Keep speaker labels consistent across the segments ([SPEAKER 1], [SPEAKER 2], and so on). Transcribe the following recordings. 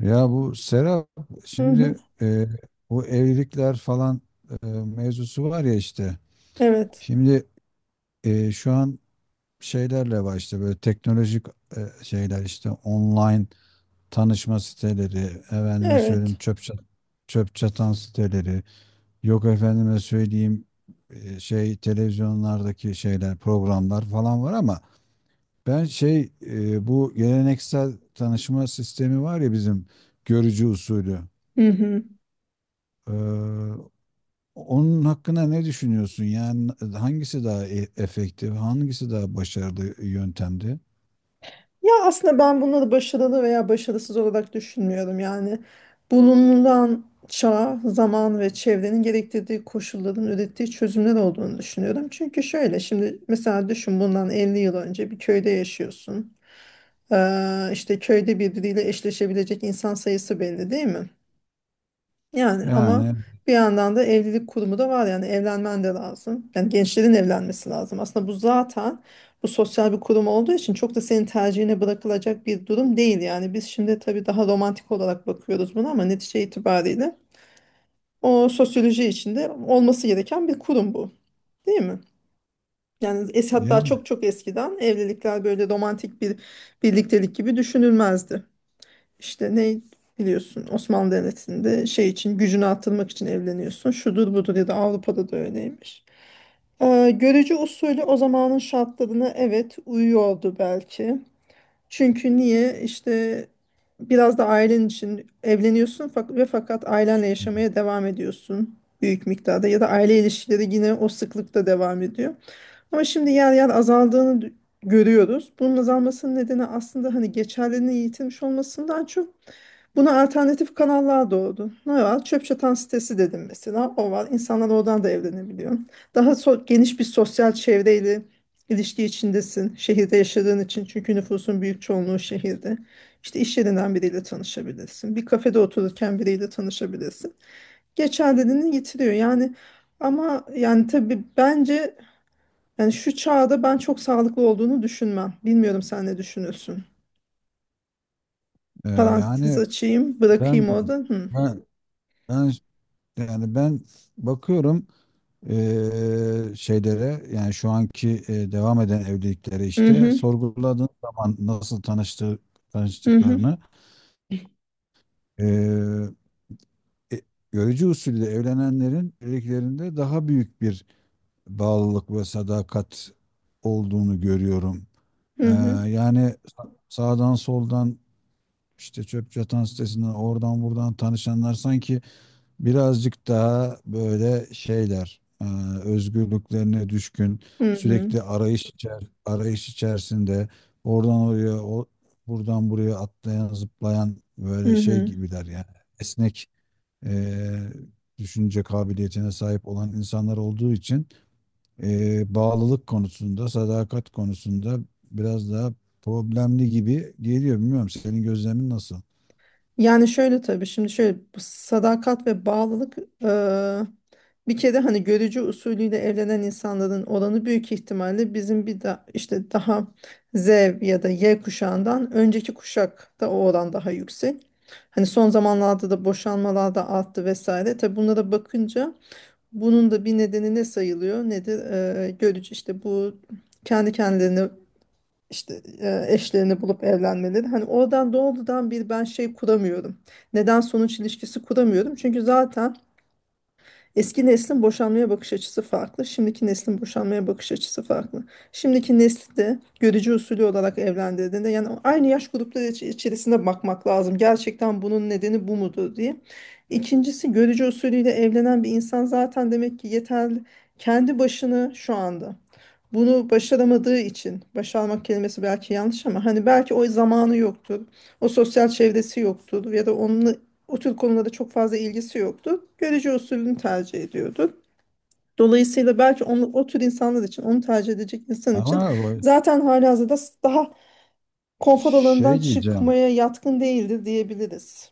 [SPEAKER 1] Ya bu Serap
[SPEAKER 2] Hı hı.
[SPEAKER 1] şimdi bu evlilikler falan mevzusu var ya işte.
[SPEAKER 2] Evet.
[SPEAKER 1] Şimdi şu an şeylerle var işte böyle teknolojik şeyler işte online tanışma siteleri, efendime söyleyeyim
[SPEAKER 2] Evet.
[SPEAKER 1] çöp çatan siteleri, yok efendime söyleyeyim şey televizyonlardaki şeyler, programlar falan var ama ben bu geleneksel tanışma sistemi var ya bizim görücü usulü.
[SPEAKER 2] Hı hı.
[SPEAKER 1] Eee, Onun hakkında ne düşünüyorsun? Yani hangisi daha efektif, hangisi daha başarılı yöntemdi?
[SPEAKER 2] Ya aslında ben bunları başarılı veya başarısız olarak düşünmüyorum. Yani bulunulan çağ, zaman ve çevrenin gerektirdiği koşulların ürettiği çözümler olduğunu düşünüyorum. Çünkü şöyle şimdi mesela düşün bundan 50 yıl önce bir köyde yaşıyorsun. İşte köyde birbiriyle eşleşebilecek insan sayısı belli değil mi? Yani ama
[SPEAKER 1] Yani
[SPEAKER 2] bir yandan da evlilik kurumu da var yani evlenmen de lazım. Yani gençlerin evlenmesi lazım. Aslında bu zaten bu sosyal bir kurum olduğu için çok da senin tercihine bırakılacak bir durum değil. Yani biz şimdi tabii daha romantik olarak bakıyoruz buna ama netice itibariyle o sosyoloji içinde olması gereken bir kurum bu. Değil mi? Yani es hatta
[SPEAKER 1] yani
[SPEAKER 2] çok çok eskiden evlilikler böyle romantik bir birliktelik gibi düşünülmezdi. İşte ne biliyorsun Osmanlı Devleti'nde şey için gücünü artırmak için evleniyorsun. Şudur budur ya da Avrupa'da da öyleymiş. Görücü usulü o zamanın şartlarına evet uyuyordu belki. Çünkü niye işte biraz da ailen için evleniyorsun ve fakat ailenle yaşamaya devam ediyorsun büyük miktarda ya da aile ilişkileri yine o sıklıkta devam ediyor. Ama şimdi yer yer azaldığını görüyoruz. Bunun azalmasının nedeni aslında hani geçerliliğini yitirmiş olmasından çok buna alternatif kanallar doğdu. Ne var? Çöp çatan sitesi dedim mesela. O var. İnsanlar oradan da evlenebiliyor. Geniş bir sosyal çevreyle ilişki içindesin. Şehirde yaşadığın için. Çünkü nüfusun büyük çoğunluğu şehirde. İşte iş yerinden biriyle tanışabilirsin. Bir kafede otururken biriyle tanışabilirsin. Geçerliliğini yitiriyor. Yani ama yani tabii bence yani şu çağda ben çok sağlıklı olduğunu düşünmem. Bilmiyorum sen ne düşünüyorsun.
[SPEAKER 1] e,
[SPEAKER 2] Parantez
[SPEAKER 1] yani
[SPEAKER 2] açayım,
[SPEAKER 1] ben
[SPEAKER 2] bırakayım orada. Hı.
[SPEAKER 1] ben ben ben bakıyorum şeylere, yani şu anki devam eden evliliklere,
[SPEAKER 2] Hı
[SPEAKER 1] işte
[SPEAKER 2] hı,
[SPEAKER 1] sorguladığın zaman nasıl tanıştığı,
[SPEAKER 2] hı hı,
[SPEAKER 1] tanıştıklarını eee e, görücü usulü evlenenlerin evliliklerinde daha büyük bir bağlılık ve sadakat olduğunu görüyorum.
[SPEAKER 2] hı
[SPEAKER 1] Eee,
[SPEAKER 2] hı,
[SPEAKER 1] Yani sağdan soldan işte çöp çatan sitesinden oradan buradan tanışanlar sanki birazcık daha böyle şeyler özgürlüklerine düşkün,
[SPEAKER 2] hı hı,
[SPEAKER 1] sürekli arayış içerisinde oradan oraya, buradan buraya atlayan zıplayan
[SPEAKER 2] hı
[SPEAKER 1] böyle şey
[SPEAKER 2] hı.
[SPEAKER 1] gibiler yani, esnek e, düşünce kabiliyetine sahip olan insanlar olduğu için bağlılık konusunda, sadakat konusunda biraz daha problemli gibi geliyor. Bilmiyorum, senin gözlemin nasıl?
[SPEAKER 2] Yani şöyle tabii şimdi şöyle bu sadakat ve bağlılık eee, bir kere hani görücü usulüyle evlenen insanların oranı büyük ihtimalle bizim bir de işte daha Z ya da Y kuşağından önceki kuşakta o oran daha yüksek. Hani son zamanlarda da boşanmalar da arttı vesaire. Tabii bunlara bakınca bunun da bir nedeni ne sayılıyor? Nedir? Görücü işte bu kendi kendilerine işte eşlerini bulup evlenmeleri. Hani oradan doğrudan bir ben şey kuramıyorum. Neden sonuç ilişkisi kuramıyorum. Çünkü zaten eski neslin boşanmaya bakış açısı farklı, şimdiki neslin boşanmaya bakış açısı farklı. Şimdiki nesli de görücü usulü olarak evlendirdiğinde yani aynı yaş grupları içerisinde bakmak lazım. Gerçekten bunun nedeni bu mudur diye. İkincisi görücü usulüyle evlenen bir insan zaten demek ki yeterli kendi başını şu anda bunu başaramadığı için başarmak kelimesi belki yanlış ama hani belki o zamanı yoktur. O sosyal çevresi yoktur ya da onunla o tür konulara çok fazla ilgisi yoktu. Görece usulünü tercih ediyordu. Dolayısıyla belki onu, o tür insanlar için, onu tercih edecek insan için
[SPEAKER 1] Ama
[SPEAKER 2] zaten halihazırda daha konfor alanından
[SPEAKER 1] şey diyeceğim.
[SPEAKER 2] çıkmaya yatkın değildir diyebiliriz.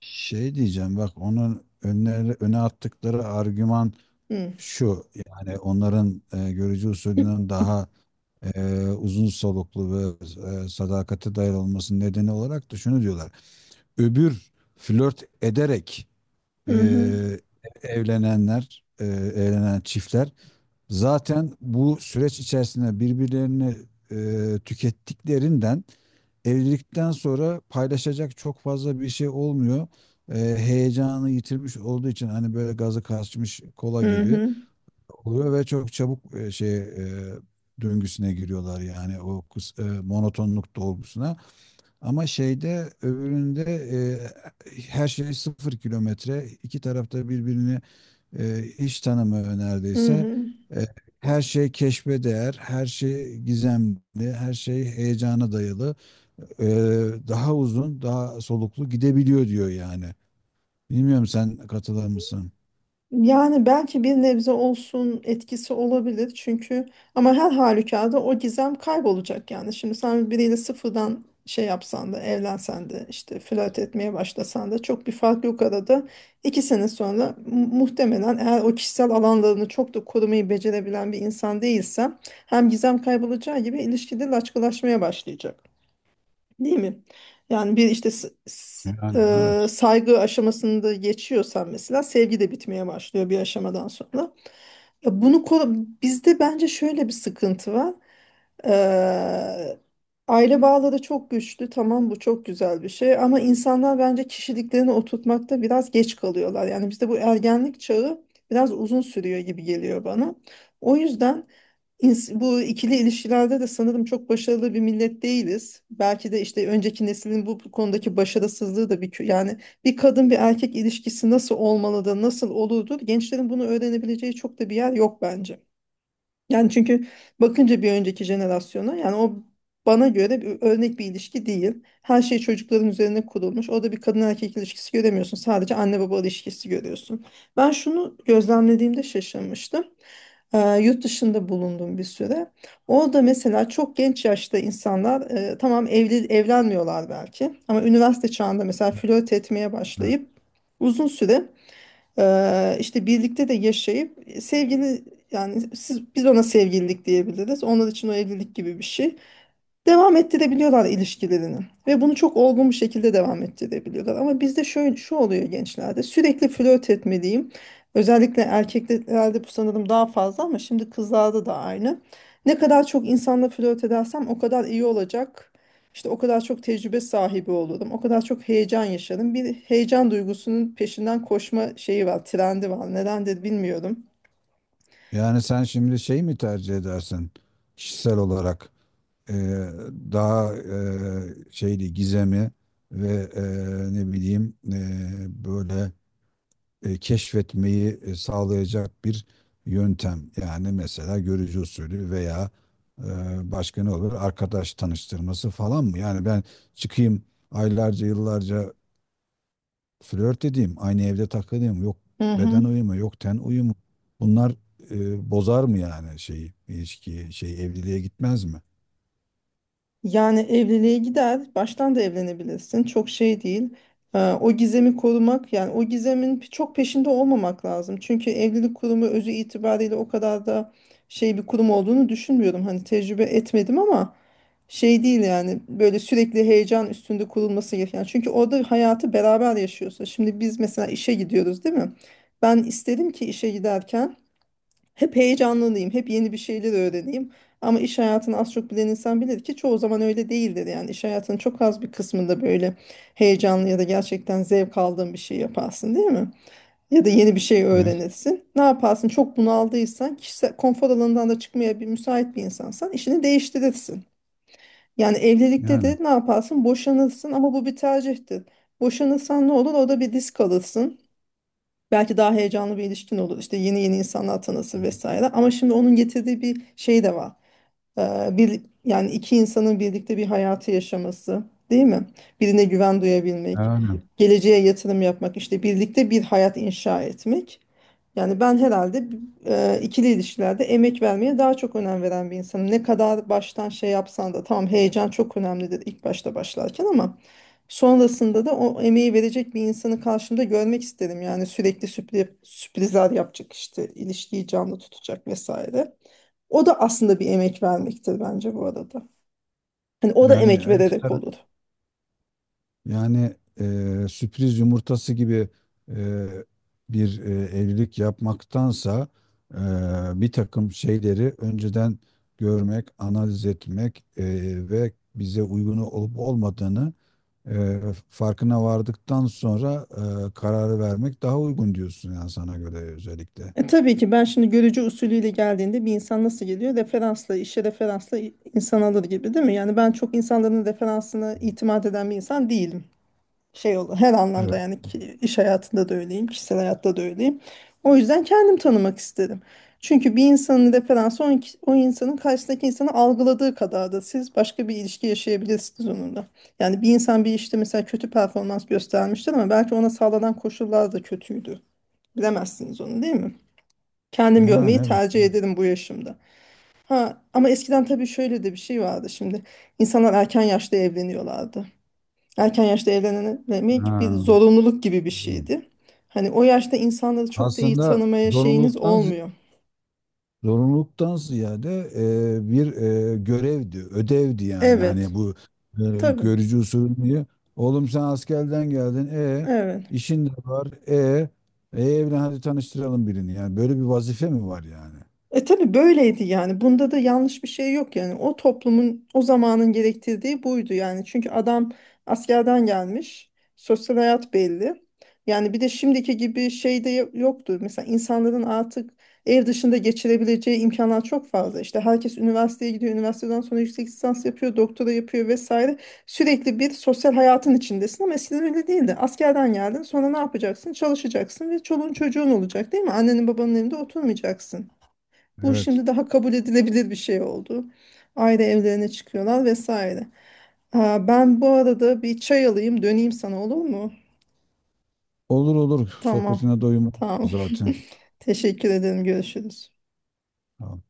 [SPEAKER 1] Şey diyeceğim, bak onun öne attıkları argüman
[SPEAKER 2] Hı.
[SPEAKER 1] şu. Yani onların görücü usulünün daha uzun soluklu ve sadakate dayalı olmasının nedeni olarak da şunu diyorlar. Öbür flört ederek
[SPEAKER 2] Hı hı.
[SPEAKER 1] e, evlenen çiftler zaten bu süreç içerisinde birbirlerini tükettiklerinden, evlilikten sonra paylaşacak çok fazla bir şey olmuyor. E, heyecanı yitirmiş olduğu için hani böyle gazı kaçmış kola
[SPEAKER 2] Hı
[SPEAKER 1] gibi
[SPEAKER 2] hı.
[SPEAKER 1] oluyor ve çok çabuk döngüsüne giriyorlar, yani o monotonluk dolgusuna. Ama şeyde, öbüründe her şey sıfır kilometre. İki tarafta birbirini hiç tanımıyor
[SPEAKER 2] Hı
[SPEAKER 1] neredeyse.
[SPEAKER 2] hı.
[SPEAKER 1] E, her şey keşfe değer, her şey gizemli, her şey heyecana dayalı. E, daha uzun, daha soluklu gidebiliyor diyor yani. Bilmiyorum, sen katılır mısın?
[SPEAKER 2] Yani belki bir nebze olsun etkisi olabilir çünkü ama her halükarda o gizem kaybolacak yani. Şimdi sen biriyle sıfırdan şey yapsan da evlensen de işte flört etmeye başlasan da çok bir fark yok arada. İki sene sonra muhtemelen eğer o kişisel alanlarını çok da korumayı becerebilen bir insan değilsen hem gizem kaybolacağı gibi ilişkide laçkılaşmaya başlayacak. Değil mi? Yani bir işte
[SPEAKER 1] Yani evet.
[SPEAKER 2] saygı aşamasında geçiyorsan mesela sevgi de bitmeye başlıyor bir aşamadan sonra. Ya bunu bizde bence şöyle bir sıkıntı var. Eee, Aile bağları çok güçlü. Tamam bu çok güzel bir şey ama insanlar bence kişiliklerini oturtmakta biraz geç kalıyorlar. Yani bizde bu ergenlik çağı biraz uzun sürüyor gibi geliyor bana. O yüzden bu ikili ilişkilerde de sanırım çok başarılı bir millet değiliz. Belki de işte önceki neslin bu konudaki başarısızlığı da bir yani bir kadın bir erkek ilişkisi nasıl olmalı da nasıl olurdu gençlerin bunu öğrenebileceği çok da bir yer yok bence. Yani çünkü bakınca bir önceki jenerasyona yani o bana göre bir örnek bir ilişki değil. Her şey çocukların üzerine kurulmuş. Orada bir kadın erkek ilişkisi göremiyorsun. Sadece anne baba ilişkisi görüyorsun. Ben şunu gözlemlediğimde şaşırmıştım. Yurt dışında bulundum bir süre. Orada mesela çok genç yaşta insanlar tamam evli evlenmiyorlar belki ama üniversite çağında mesela flört etmeye
[SPEAKER 1] Evet.
[SPEAKER 2] başlayıp uzun süre işte birlikte de yaşayıp sevgili yani siz, biz ona sevgililik diyebiliriz. Onlar için o evlilik gibi bir şey devam ettirebiliyorlar ilişkilerini ve bunu çok olgun bir şekilde devam ettirebiliyorlar. Ama bizde şöyle şu oluyor gençlerde sürekli flört etmeliyim. Özellikle erkeklerde bu sanırım daha fazla ama şimdi kızlarda da aynı. Ne kadar çok insanla flört edersem o kadar iyi olacak. İşte o kadar çok tecrübe sahibi olurum. O kadar çok heyecan yaşarım. Bir heyecan duygusunun peşinden koşma şeyi var, trendi var. Nedendir bilmiyorum.
[SPEAKER 1] Yani sen şimdi şey mi tercih edersin, kişisel olarak? e, Daha şeydi, gizemi ve ne bileyim, böyle keşfetmeyi sağlayacak bir yöntem. Yani mesela görücü usulü veya e, başka ne olur? Arkadaş tanıştırması falan mı? Yani ben çıkayım, aylarca yıllarca flört edeyim, aynı evde takılayım. Yok
[SPEAKER 2] Hı hı.
[SPEAKER 1] beden uyumu, yok ten uyumu. Bunlar bozar mı yani şeyi, ilişkiyi, şey evliliğe gitmez mi?
[SPEAKER 2] Yani evliliğe gider, baştan da evlenebilirsin. Çok şey değil. O gizemi korumak, yani o gizemin çok peşinde olmamak lazım. Çünkü evlilik kurumu özü itibariyle o kadar da şey bir kurum olduğunu düşünmüyorum. Hani tecrübe etmedim ama şey değil yani böyle sürekli heyecan üstünde kurulması gereken. Çünkü orada hayatı beraber yaşıyorsun. Şimdi biz mesela işe gidiyoruz, değil mi? Ben isterim ki işe giderken hep heyecanlanayım, hep yeni bir şeyler öğreneyim. Ama iş hayatını az çok bilen insan bilir ki çoğu zaman öyle değildir. Yani iş hayatının çok az bir kısmında böyle heyecanlı ya da gerçekten zevk aldığın bir şey yaparsın, değil mi? Ya da yeni bir şey
[SPEAKER 1] Ne?
[SPEAKER 2] öğrenirsin. Ne yaparsın? Çok bunaldıysan, kişisel konfor alanından da çıkmaya bir müsait bir insansan işini değiştirirsin. Yani evlilikte
[SPEAKER 1] Yani.
[SPEAKER 2] de ne yaparsın? Boşanırsın ama bu bir tercihtir. Boşanırsan ne olur? Orada bir risk alırsın. Belki daha heyecanlı bir ilişkin olur. İşte yeni yeni insanlar tanısın vesaire. Ama şimdi onun getirdiği bir şey de var bir yani iki insanın birlikte bir hayatı yaşaması, değil mi? Birine güven duyabilmek,
[SPEAKER 1] Yani.
[SPEAKER 2] geleceğe yatırım yapmak, işte birlikte bir hayat inşa etmek. Yani ben herhalde ikili ilişkilerde emek vermeye daha çok önem veren bir insanım. Ne kadar baştan şey yapsan da tamam heyecan çok önemlidir ilk başta başlarken ama sonrasında da o emeği verecek bir insanı karşımda görmek isterim. Yani sürekli sürprizler yapacak işte ilişkiyi canlı tutacak vesaire. O da aslında bir emek vermektir bence bu arada. Hani o da
[SPEAKER 1] Yani
[SPEAKER 2] emek
[SPEAKER 1] her iki
[SPEAKER 2] vererek
[SPEAKER 1] taraf,
[SPEAKER 2] olur.
[SPEAKER 1] yani sürpriz yumurtası gibi e, bir evlilik yapmaktansa e, bir takım şeyleri önceden görmek, analiz etmek ve bize uygun olup olmadığını e, farkına vardıktan sonra kararı vermek daha uygun diyorsun yani, sana göre özellikle.
[SPEAKER 2] E tabii ki ben şimdi görücü usulüyle geldiğinde bir insan nasıl geliyor? Referansla, işe referansla insan alır gibi değil mi? Yani ben çok insanların referansına itimat eden bir insan değilim. Şey olur her
[SPEAKER 1] Evet.
[SPEAKER 2] anlamda yani ki iş hayatında da öyleyim, kişisel hayatta da öyleyim. O yüzden kendim tanımak istedim. Çünkü bir insanın referansı o, o insanın karşısındaki insanı algıladığı kadar da siz başka bir ilişki yaşayabilirsiniz onunla. Yani bir insan bir işte mesela kötü performans göstermiştir ama belki ona sağlanan koşullar da kötüydü. Bilemezsiniz onu değil mi? Kendim görmeyi
[SPEAKER 1] Yani evet.
[SPEAKER 2] tercih ederim bu yaşımda. Ha, ama eskiden tabii şöyle de bir şey vardı şimdi. İnsanlar erken yaşta evleniyorlardı erken yaşta evlenebilmek
[SPEAKER 1] Ha.
[SPEAKER 2] bir zorunluluk gibi bir şeydi. Hani o yaşta insanları çok da iyi
[SPEAKER 1] Aslında
[SPEAKER 2] tanımaya şeyiniz
[SPEAKER 1] zorunluluktan.
[SPEAKER 2] olmuyor.
[SPEAKER 1] Zorunluluktan ziyade bir görevdi, ödevdi yani. Hani
[SPEAKER 2] Evet,
[SPEAKER 1] bu
[SPEAKER 2] tabii,
[SPEAKER 1] görücü usulü diye. Oğlum sen askerden geldin. E,
[SPEAKER 2] evet.
[SPEAKER 1] işin de var. Evlen, hadi tanıştıralım birini. Yani böyle bir vazife mi var yani?
[SPEAKER 2] E tabii böyleydi yani. Bunda da yanlış bir şey yok yani. O toplumun o zamanın gerektirdiği buydu yani. Çünkü adam askerden gelmiş. Sosyal hayat belli. Yani bir de şimdiki gibi şey de yoktu. Mesela insanların artık ev dışında geçirebileceği imkanlar çok fazla. İşte herkes üniversiteye gidiyor. Üniversiteden sonra yüksek lisans yapıyor, doktora yapıyor vesaire. Sürekli bir sosyal hayatın içindesin ama eskiden öyle değildi. Askerden geldin, sonra ne yapacaksın? Çalışacaksın ve çoluğun çocuğun olacak, değil mi? Annenin babanın evinde oturmayacaksın. Bu
[SPEAKER 1] Evet.
[SPEAKER 2] şimdi daha kabul edilebilir bir şey oldu. Ayrı evlerine çıkıyorlar vesaire. Aa, ben bu arada bir çay alayım döneyim sana olur mu?
[SPEAKER 1] Olur olur.
[SPEAKER 2] Tamam.
[SPEAKER 1] Sohbetine doyum
[SPEAKER 2] Tamam.
[SPEAKER 1] zaten.
[SPEAKER 2] Teşekkür ederim. Görüşürüz.
[SPEAKER 1] Tamam.